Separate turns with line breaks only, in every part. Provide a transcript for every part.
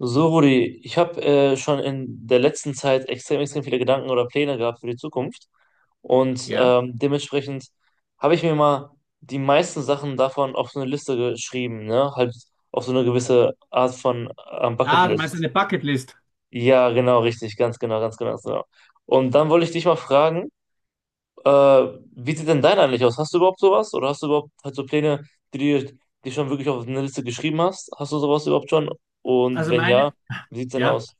So, Rudi, ich habe schon in der letzten Zeit extrem, extrem viele Gedanken oder Pläne gehabt für die Zukunft. Und
Ja.
dementsprechend habe ich mir mal die meisten Sachen davon auf so eine Liste geschrieben, ne? Halt auf so eine gewisse Art von
Ah, du meinst
Bucketlist.
eine Bucketlist.
Ja, genau, richtig, ganz genau, ganz genau, ganz genau. Und dann wollte ich dich mal fragen, äh, wie sieht denn dein eigentlich aus? Hast du überhaupt sowas? Oder hast du überhaupt halt so Pläne, die du dir schon wirklich auf eine Liste geschrieben hast? Hast du sowas überhaupt schon? Und
Also
wenn
meine,
ja, wie sieht's denn
ja,
aus?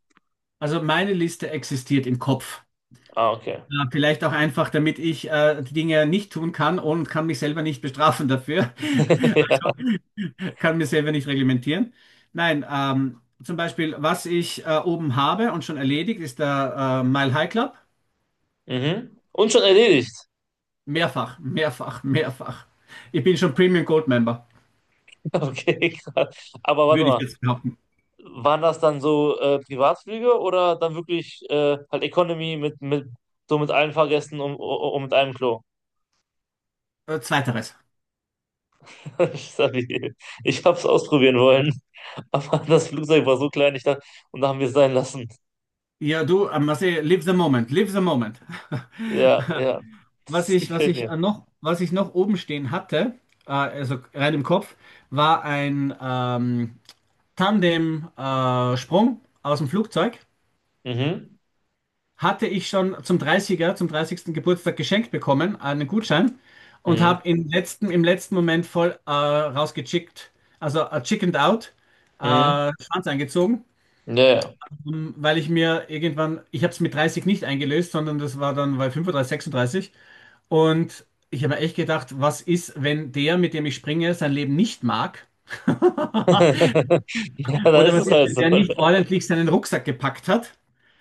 also meine Liste existiert im Kopf.
Ah, okay.
Ja, vielleicht auch einfach, damit ich die Dinge nicht tun kann und kann mich selber nicht bestrafen dafür.
Ja.
Also kann mir selber nicht reglementieren. Nein, zum Beispiel, was ich oben habe und schon erledigt, ist der Mile High Club.
Mhm. Und schon erledigt.
Mehrfach, mehrfach, mehrfach. Ich bin schon Premium Gold Member,
Okay, krass. Aber warte
würde ich
mal,
jetzt behaupten.
waren das dann so Privatflüge oder dann wirklich halt Economy mit so mit allen Fahrgästen und mit einem Klo?
Zweiteres.
Stabil. Ich hab's ausprobieren wollen, aber das Flugzeug war so klein, ich dachte, und da haben wir es sein lassen.
Ja, du, Marcel, live the moment, live the moment.
Ja, ja,
Was
das
ich, was
gefällt
ich
mir.
äh, noch, was ich noch oben stehen hatte, also rein im Kopf, war ein Tandem-Sprung aus dem Flugzeug.
Mhm.
Hatte ich schon zum 30er, zum 30. Geburtstag geschenkt bekommen, einen Gutschein, und
Mhm.
habe im letzten Moment voll rausgechickt, also chickened out, äh,
Mhm.
Schwanz eingezogen.
Ja, ja.
Weil ich mir irgendwann, ich habe es mit 30 nicht eingelöst, sondern das war dann bei 35, 36. Und ich habe mir echt gedacht, was ist, wenn der, mit dem ich springe, sein Leben nicht mag?
Ja, dann
Oder
ist
was
es
ist,
halt
wenn
so,
der
ne?
nicht ordentlich seinen Rucksack gepackt hat?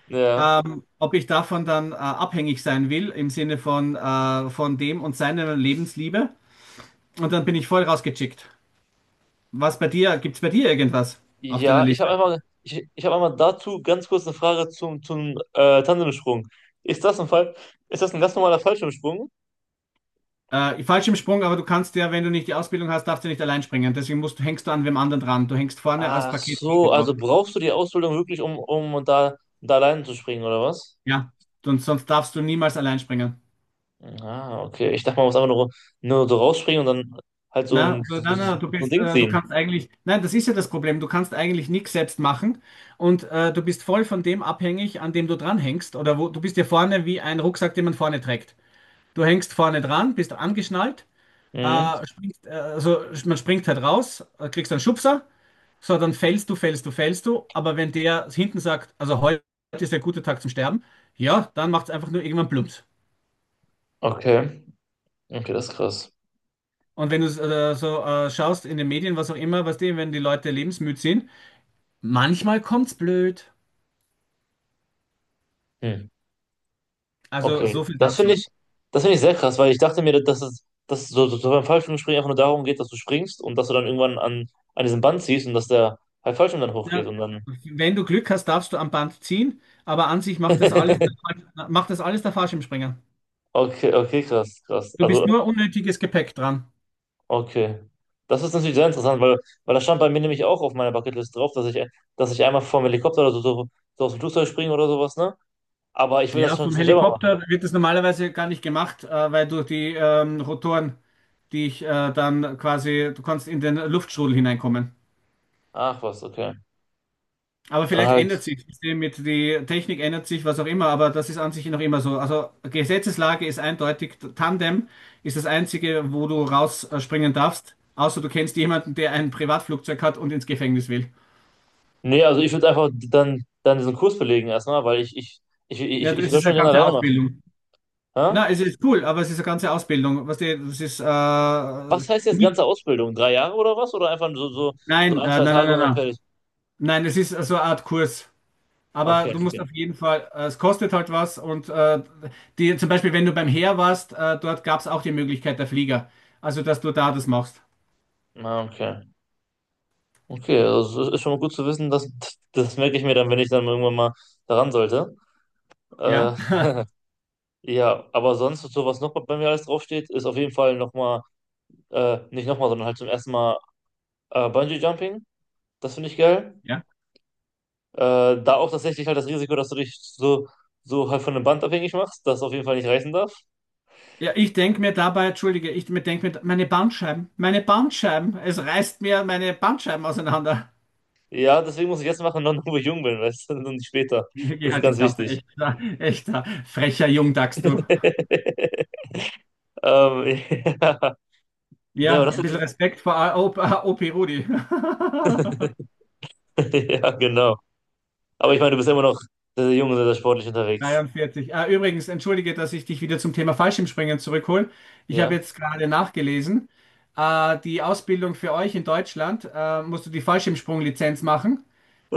Ja.
Ob ich davon dann abhängig sein will, im Sinne von dem und seiner Lebensliebe. Und dann bin ich voll rausgechickt. Gibt's bei dir irgendwas auf deiner
Ja, ich
Liste?
habe einmal, ich habe einmal dazu ganz kurz eine Frage zum, zum Tandemsprung. Ist das ein Fall, Ist das ein ganz normaler Fallschirmsprung?
Falsch im Sprung, aber du kannst ja, wenn du nicht die Ausbildung hast, darfst du nicht allein springen. Deswegen hängst du an wem anderen dran. Du hängst vorne als
Ach
Paketbote
so, also
drauf.
brauchst du die Ausbildung wirklich, um da allein zu springen, oder was?
Ja, und sonst darfst du niemals allein springen.
Ah, okay. Ich dachte, man muss einfach nur so rausspringen und dann halt so ein,
Na, du-
so,
na,
so
na, du
so ein
bist,
Ding
äh, du
ziehen.
kannst eigentlich, nein, das ist ja das Problem. Du kannst eigentlich nichts selbst machen und du bist voll von dem abhängig, an dem du dranhängst oder wo du bist ja vorne wie ein Rucksack, den man vorne trägt. Du hängst vorne dran, bist angeschnallt,
Mhm.
also man springt halt raus, kriegst einen Schubser. So, dann fällst du, fällst du, fällst du. Aber wenn der hinten sagt, also heute ist der gute Tag zum Sterben, ja, dann macht es einfach nur irgendwann plumps.
Okay. Okay, das ist krass.
Und wenn du so schaust in den Medien, was auch immer, wenn die Leute lebensmüd sind, manchmal kommt's blöd.
Hm.
Also
Okay,
so viel
das finde
dazu.
ich, das finde ich sehr krass, weil ich dachte mir, dass es so beim Fallschirmspringen einfach nur darum geht, dass du springst und dass du dann irgendwann an diesem Band ziehst und dass der halt Fallschirm dann hochgeht
Ja,
und dann.
wenn du Glück hast, darfst du am Band ziehen, aber an sich macht das alles der Fallschirmspringer.
Okay, okay, krass, krass.
Du
Also,
bist nur unnötiges Gepäck dran.
okay. Das ist natürlich sehr interessant, weil, weil das stand bei mir nämlich auch auf meiner Bucketlist drauf, dass ich einmal vom Helikopter oder so aus dem Flugzeug springe oder sowas, ne? Aber ich will das
Ja,
schon,
vom
schon selber machen.
Helikopter wird das normalerweise gar nicht gemacht, weil durch die Rotoren dich dann quasi, du kannst in den Luftstrudel hineinkommen.
Ach was, okay.
Aber
Dann
vielleicht
halt.
ändert sich das System mit, die Technik ändert sich, was auch immer, aber das ist an sich noch immer so. Also Gesetzeslage ist eindeutig, Tandem ist das Einzige, wo du rausspringen darfst, außer du kennst jemanden, der ein Privatflugzeug hat und ins Gefängnis will.
Nee, also ich würde einfach dann diesen Kurs belegen erstmal, weil ich, ich, ich,
Ja,
ich, ich
das
will das
ist
schon
eine
gerne
ganze
alleine machen.
Ausbildung.
Hä?
Na, es ist cool, aber es ist eine ganze Ausbildung. Das ist
Was heißt jetzt
nicht.
ganze Ausbildung? 3 Jahre oder was? Oder einfach so
Nein,
ein,
nein,
zwei
nein,
Tage und
nein,
dann
nein.
fertig?
Nein, es ist so eine Art Kurs. Aber
Okay,
du musst
okay.
auf jeden Fall, es kostet halt was. Und die, zum Beispiel, wenn du beim Heer warst, dort gab es auch die Möglichkeit der Flieger. Also, dass du da das machst.
Ah, okay. Okay, also es ist schon mal gut zu wissen, dass das merke ich mir dann, wenn ich dann irgendwann mal daran sollte. Äh,
Ja,
ja, aber sonst, so was noch bei mir alles draufsteht, ist auf jeden Fall nochmal, nicht nochmal, sondern halt zum ersten Mal Bungee Jumping. Das finde ich geil.
ja.
Da auch tatsächlich halt das Risiko, dass du dich so halt von einem Band abhängig machst, das auf jeden Fall nicht reißen darf.
Ja, ich denke mir dabei, entschuldige, ich mir denke mir, meine Bandscheiben, es reißt mir meine Bandscheiben auseinander.
Ja, deswegen muss ich jetzt machen, noch wo ich jung bin, weißt du, und nicht später.
Wirklich
Das ist
halt die
ganz
Klappe,
wichtig.
echter, echter, frecher Jungdachs, du.
Ähm, ja. Nee, aber
Ja,
das
ein bisschen
ist.
Respekt vor OP Rudi.
Ja, genau. Aber ich meine, du bist immer noch sehr, sehr jung und sehr, sehr sportlich unterwegs.
43. Ah, übrigens, entschuldige, dass ich dich wieder zum Thema Fallschirmspringen zurückhole. Ich habe
Ja.
jetzt gerade nachgelesen, die Ausbildung für euch in Deutschland, musst du die Fallschirmsprunglizenz machen,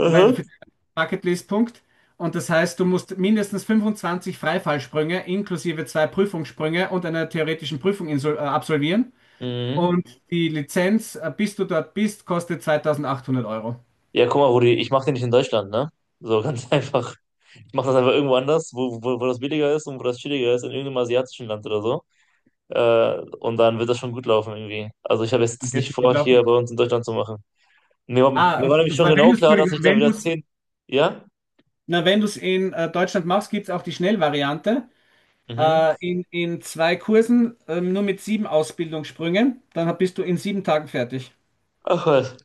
weil für den Bucketlist-Punkt. Und das heißt, du musst mindestens 25 Freifallsprünge inklusive zwei Prüfungssprünge und einer theoretischen Prüfung absolvieren.
Mhm.
Und die Lizenz, bis du dort bist, kostet 2800 Euro.
Ja, guck mal, Rudi, ich mache den nicht in Deutschland, ne? So ganz einfach. Ich mache das einfach irgendwo anders, wo das billiger ist und wo das chilliger ist, in irgendeinem asiatischen Land oder so. Und dann wird das schon gut laufen irgendwie. Also ich habe
Das
jetzt
wird
nicht
schon gut
vor, hier
laufen.
bei uns in Deutschland zu machen. Mir
Ah,
war nämlich schon
weil wenn
genau
du es
klar, dass ich da wieder
wenn
10, Ja?
Na, wenn du es in Deutschland machst, gibt es auch die Schnellvariante.
Mhm.
In zwei Kursen, nur mit sieben Ausbildungssprüngen. Dann bist du in 7 Tagen fertig.
Ach was.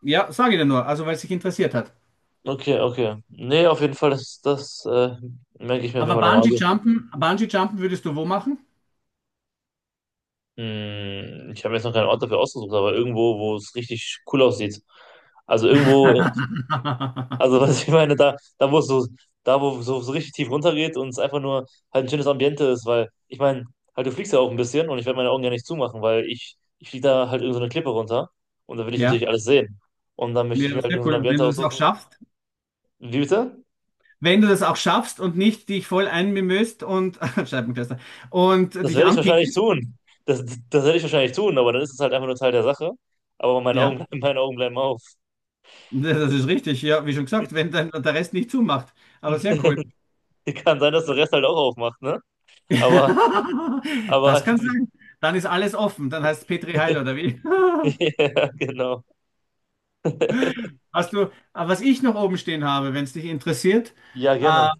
Ja, sage ich dir nur, also weil es dich interessiert hat.
Okay, okay. Nee, auf jeden Fall, das merke ich mir auf jeden
Aber
Fall nochmal. Also,
Bungee-Jumpen würdest du wo machen?
ich habe jetzt noch keinen Ort dafür ausgesucht, aber irgendwo, wo es richtig cool aussieht. Also irgendwo, also was ich meine, da wo es so richtig tief runtergeht und es einfach nur halt ein schönes Ambiente ist, weil ich meine, halt du fliegst ja auch ein bisschen und ich werde meine Augen ja nicht zumachen, weil ich fliege da halt irgend so eine Klippe runter und da will ich
Ja,
natürlich alles sehen. Und dann möchte ich mir
ja,
halt irgendein
sehr
so ein
cool, wenn
Ambiente
du das auch
aussuchen.
schaffst.
Wie bitte?
Wenn du das auch schaffst und nicht dich voll einmimöst und Scheibenkleister und
Das
dich
werde ich wahrscheinlich
anpinkelst.
tun. Das, das werde ich wahrscheinlich tun, aber dann ist es halt einfach nur Teil der Sache. Aber
Ja,
meine Augen bleiben auf.
das ist richtig. Ja, wie schon gesagt, wenn dann der Rest nicht zumacht. Aber sehr cool.
Kann sein, dass der Rest halt auch aufmacht, ne? Aber, aber,
Das kann
die,
sein. Dann ist alles offen. Dann heißt es Petri Heil oder wie?
ja, genau.
Aber was ich noch oben stehen habe, wenn es dich interessiert,
Ja,
äh,
gerne.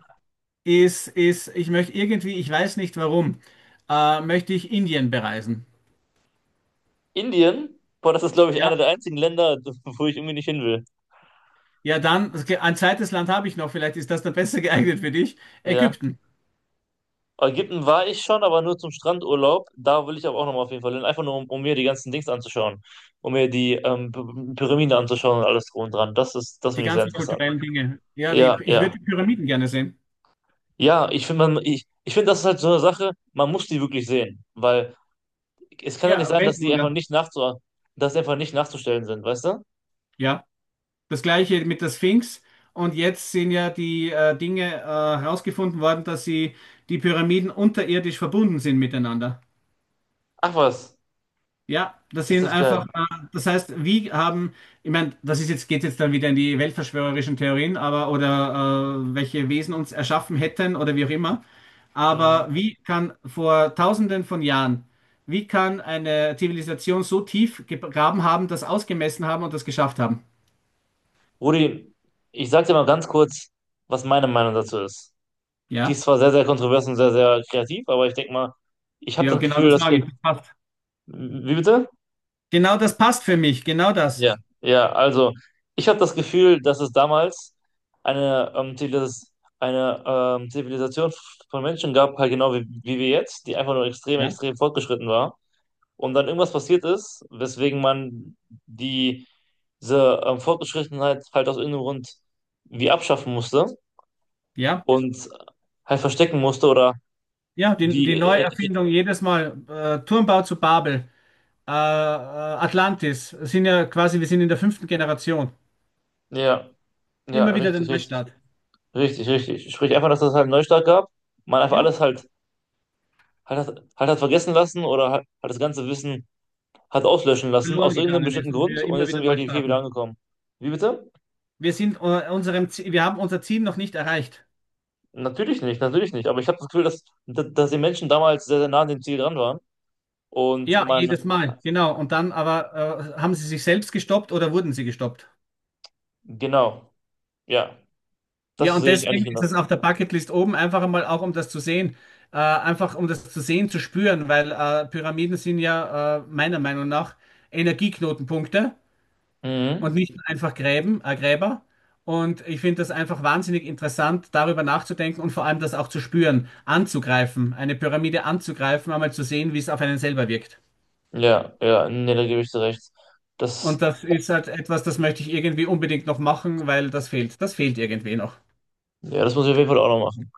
ich möchte irgendwie, ich weiß nicht warum, möchte ich Indien bereisen.
Indien, boah, das ist, glaube ich, einer
Ja,
der einzigen Länder, wo ich irgendwie nicht hin will.
ja, dann, okay, ein zweites Land habe ich noch, vielleicht ist das dann besser geeignet für dich.
Ja.
Ägypten,
Ägypten war ich schon, aber nur zum Strandurlaub. Da will ich aber auch nochmal auf jeden Fall hin. Einfach nur, um mir die ganzen Dings anzuschauen. Um mir die Pyramide anzuschauen und alles drum und dran. Das
die
finde ich sehr
ganzen
interessant.
kulturellen Dinge. Ja,
Ja,
ich
ja.
würde die Pyramiden gerne sehen.
Ja, ich ich finde, das ist halt so eine Sache, man muss die wirklich sehen, weil es kann ja nicht
Ja,
sein, dass die einfach
Weltwunder.
nicht nachzustellen sind, weißt du?
Ja. Das gleiche mit der Sphinx. Und jetzt sind ja die Dinge herausgefunden worden, dass sie die Pyramiden unterirdisch verbunden sind miteinander.
Ach was,
Ja, das
ist
sind
das geil.
einfach, das heißt, wie haben, ich meine, das ist jetzt, geht jetzt dann wieder in die weltverschwörerischen Theorien, aber oder welche Wesen uns erschaffen hätten oder wie auch immer.
Mhm.
Aber wie kann vor Tausenden von Jahren, wie kann eine Zivilisation so tief gegraben haben, das ausgemessen haben und das geschafft haben?
Rudi, ich sag dir mal ganz kurz, was meine Meinung dazu ist. Die
Ja,
ist zwar sehr, sehr kontrovers und sehr, sehr kreativ, aber ich denke mal, ich habe
ja,
das
genau
Gefühl.
das mag ich.
Wie bitte?
Genau das passt für mich, genau das.
Ja, ja, also ich habe das Gefühl, dass es damals eine, ähm, Zivilis eine Zivilisation von Menschen gab, halt genau wie wir jetzt, die einfach nur extrem,
Ja,
extrem fortgeschritten war. Und dann irgendwas passiert ist, weswegen man die, diese Fortgeschrittenheit halt aus irgendeinem Grund wie abschaffen musste
ja,
und halt verstecken musste oder
ja,
wie.
die Neuerfindung jedes Mal. Turmbau zu Babel, Atlantis, sind ja quasi, wir sind in der fünften Generation.
Ja, ja,
Immer wieder der
richtig, richtig,
Neustart.
richtig, richtig. Sprich einfach, dass es halt einen Neustart gab, man einfach
Ja,
alles halt hat das, hat das vergessen lassen oder hat das ganze Wissen hat auslöschen lassen,
verloren
aus irgendeinem
gegangen
bestimmten
ist und
Grund
wir
und
immer
jetzt sind
wieder
wir
neu
halt hier wieder
starten.
angekommen. Wie bitte?
Wir haben unser Ziel noch nicht erreicht.
Natürlich nicht, natürlich nicht. Aber ich habe das Gefühl, dass die Menschen damals sehr, sehr nah an dem Ziel dran waren. Und
Ja,
man,
jedes Mal, genau. Und dann aber haben sie sich selbst gestoppt oder wurden sie gestoppt?
genau, ja,
Ja,
das
und
sehe ich eigentlich
deswegen ist
genauso.
es auf der Bucketlist oben einfach einmal auch, um das zu sehen, einfach um das zu sehen, zu spüren, weil Pyramiden sind ja meiner Meinung nach Energieknotenpunkte und
Mhm.
nicht einfach Gräben, Gräber. Und ich finde das einfach wahnsinnig interessant, darüber nachzudenken und vor allem das auch zu spüren, anzugreifen, eine Pyramide anzugreifen, einmal zu sehen, wie es auf einen selber wirkt.
Ja, ja, nee, da gebe ich dir recht. Das,
Und das ist halt etwas, das möchte ich irgendwie unbedingt noch machen, weil das fehlt. Das fehlt irgendwie noch.
ja, das muss ich auf jeden Fall auch noch machen.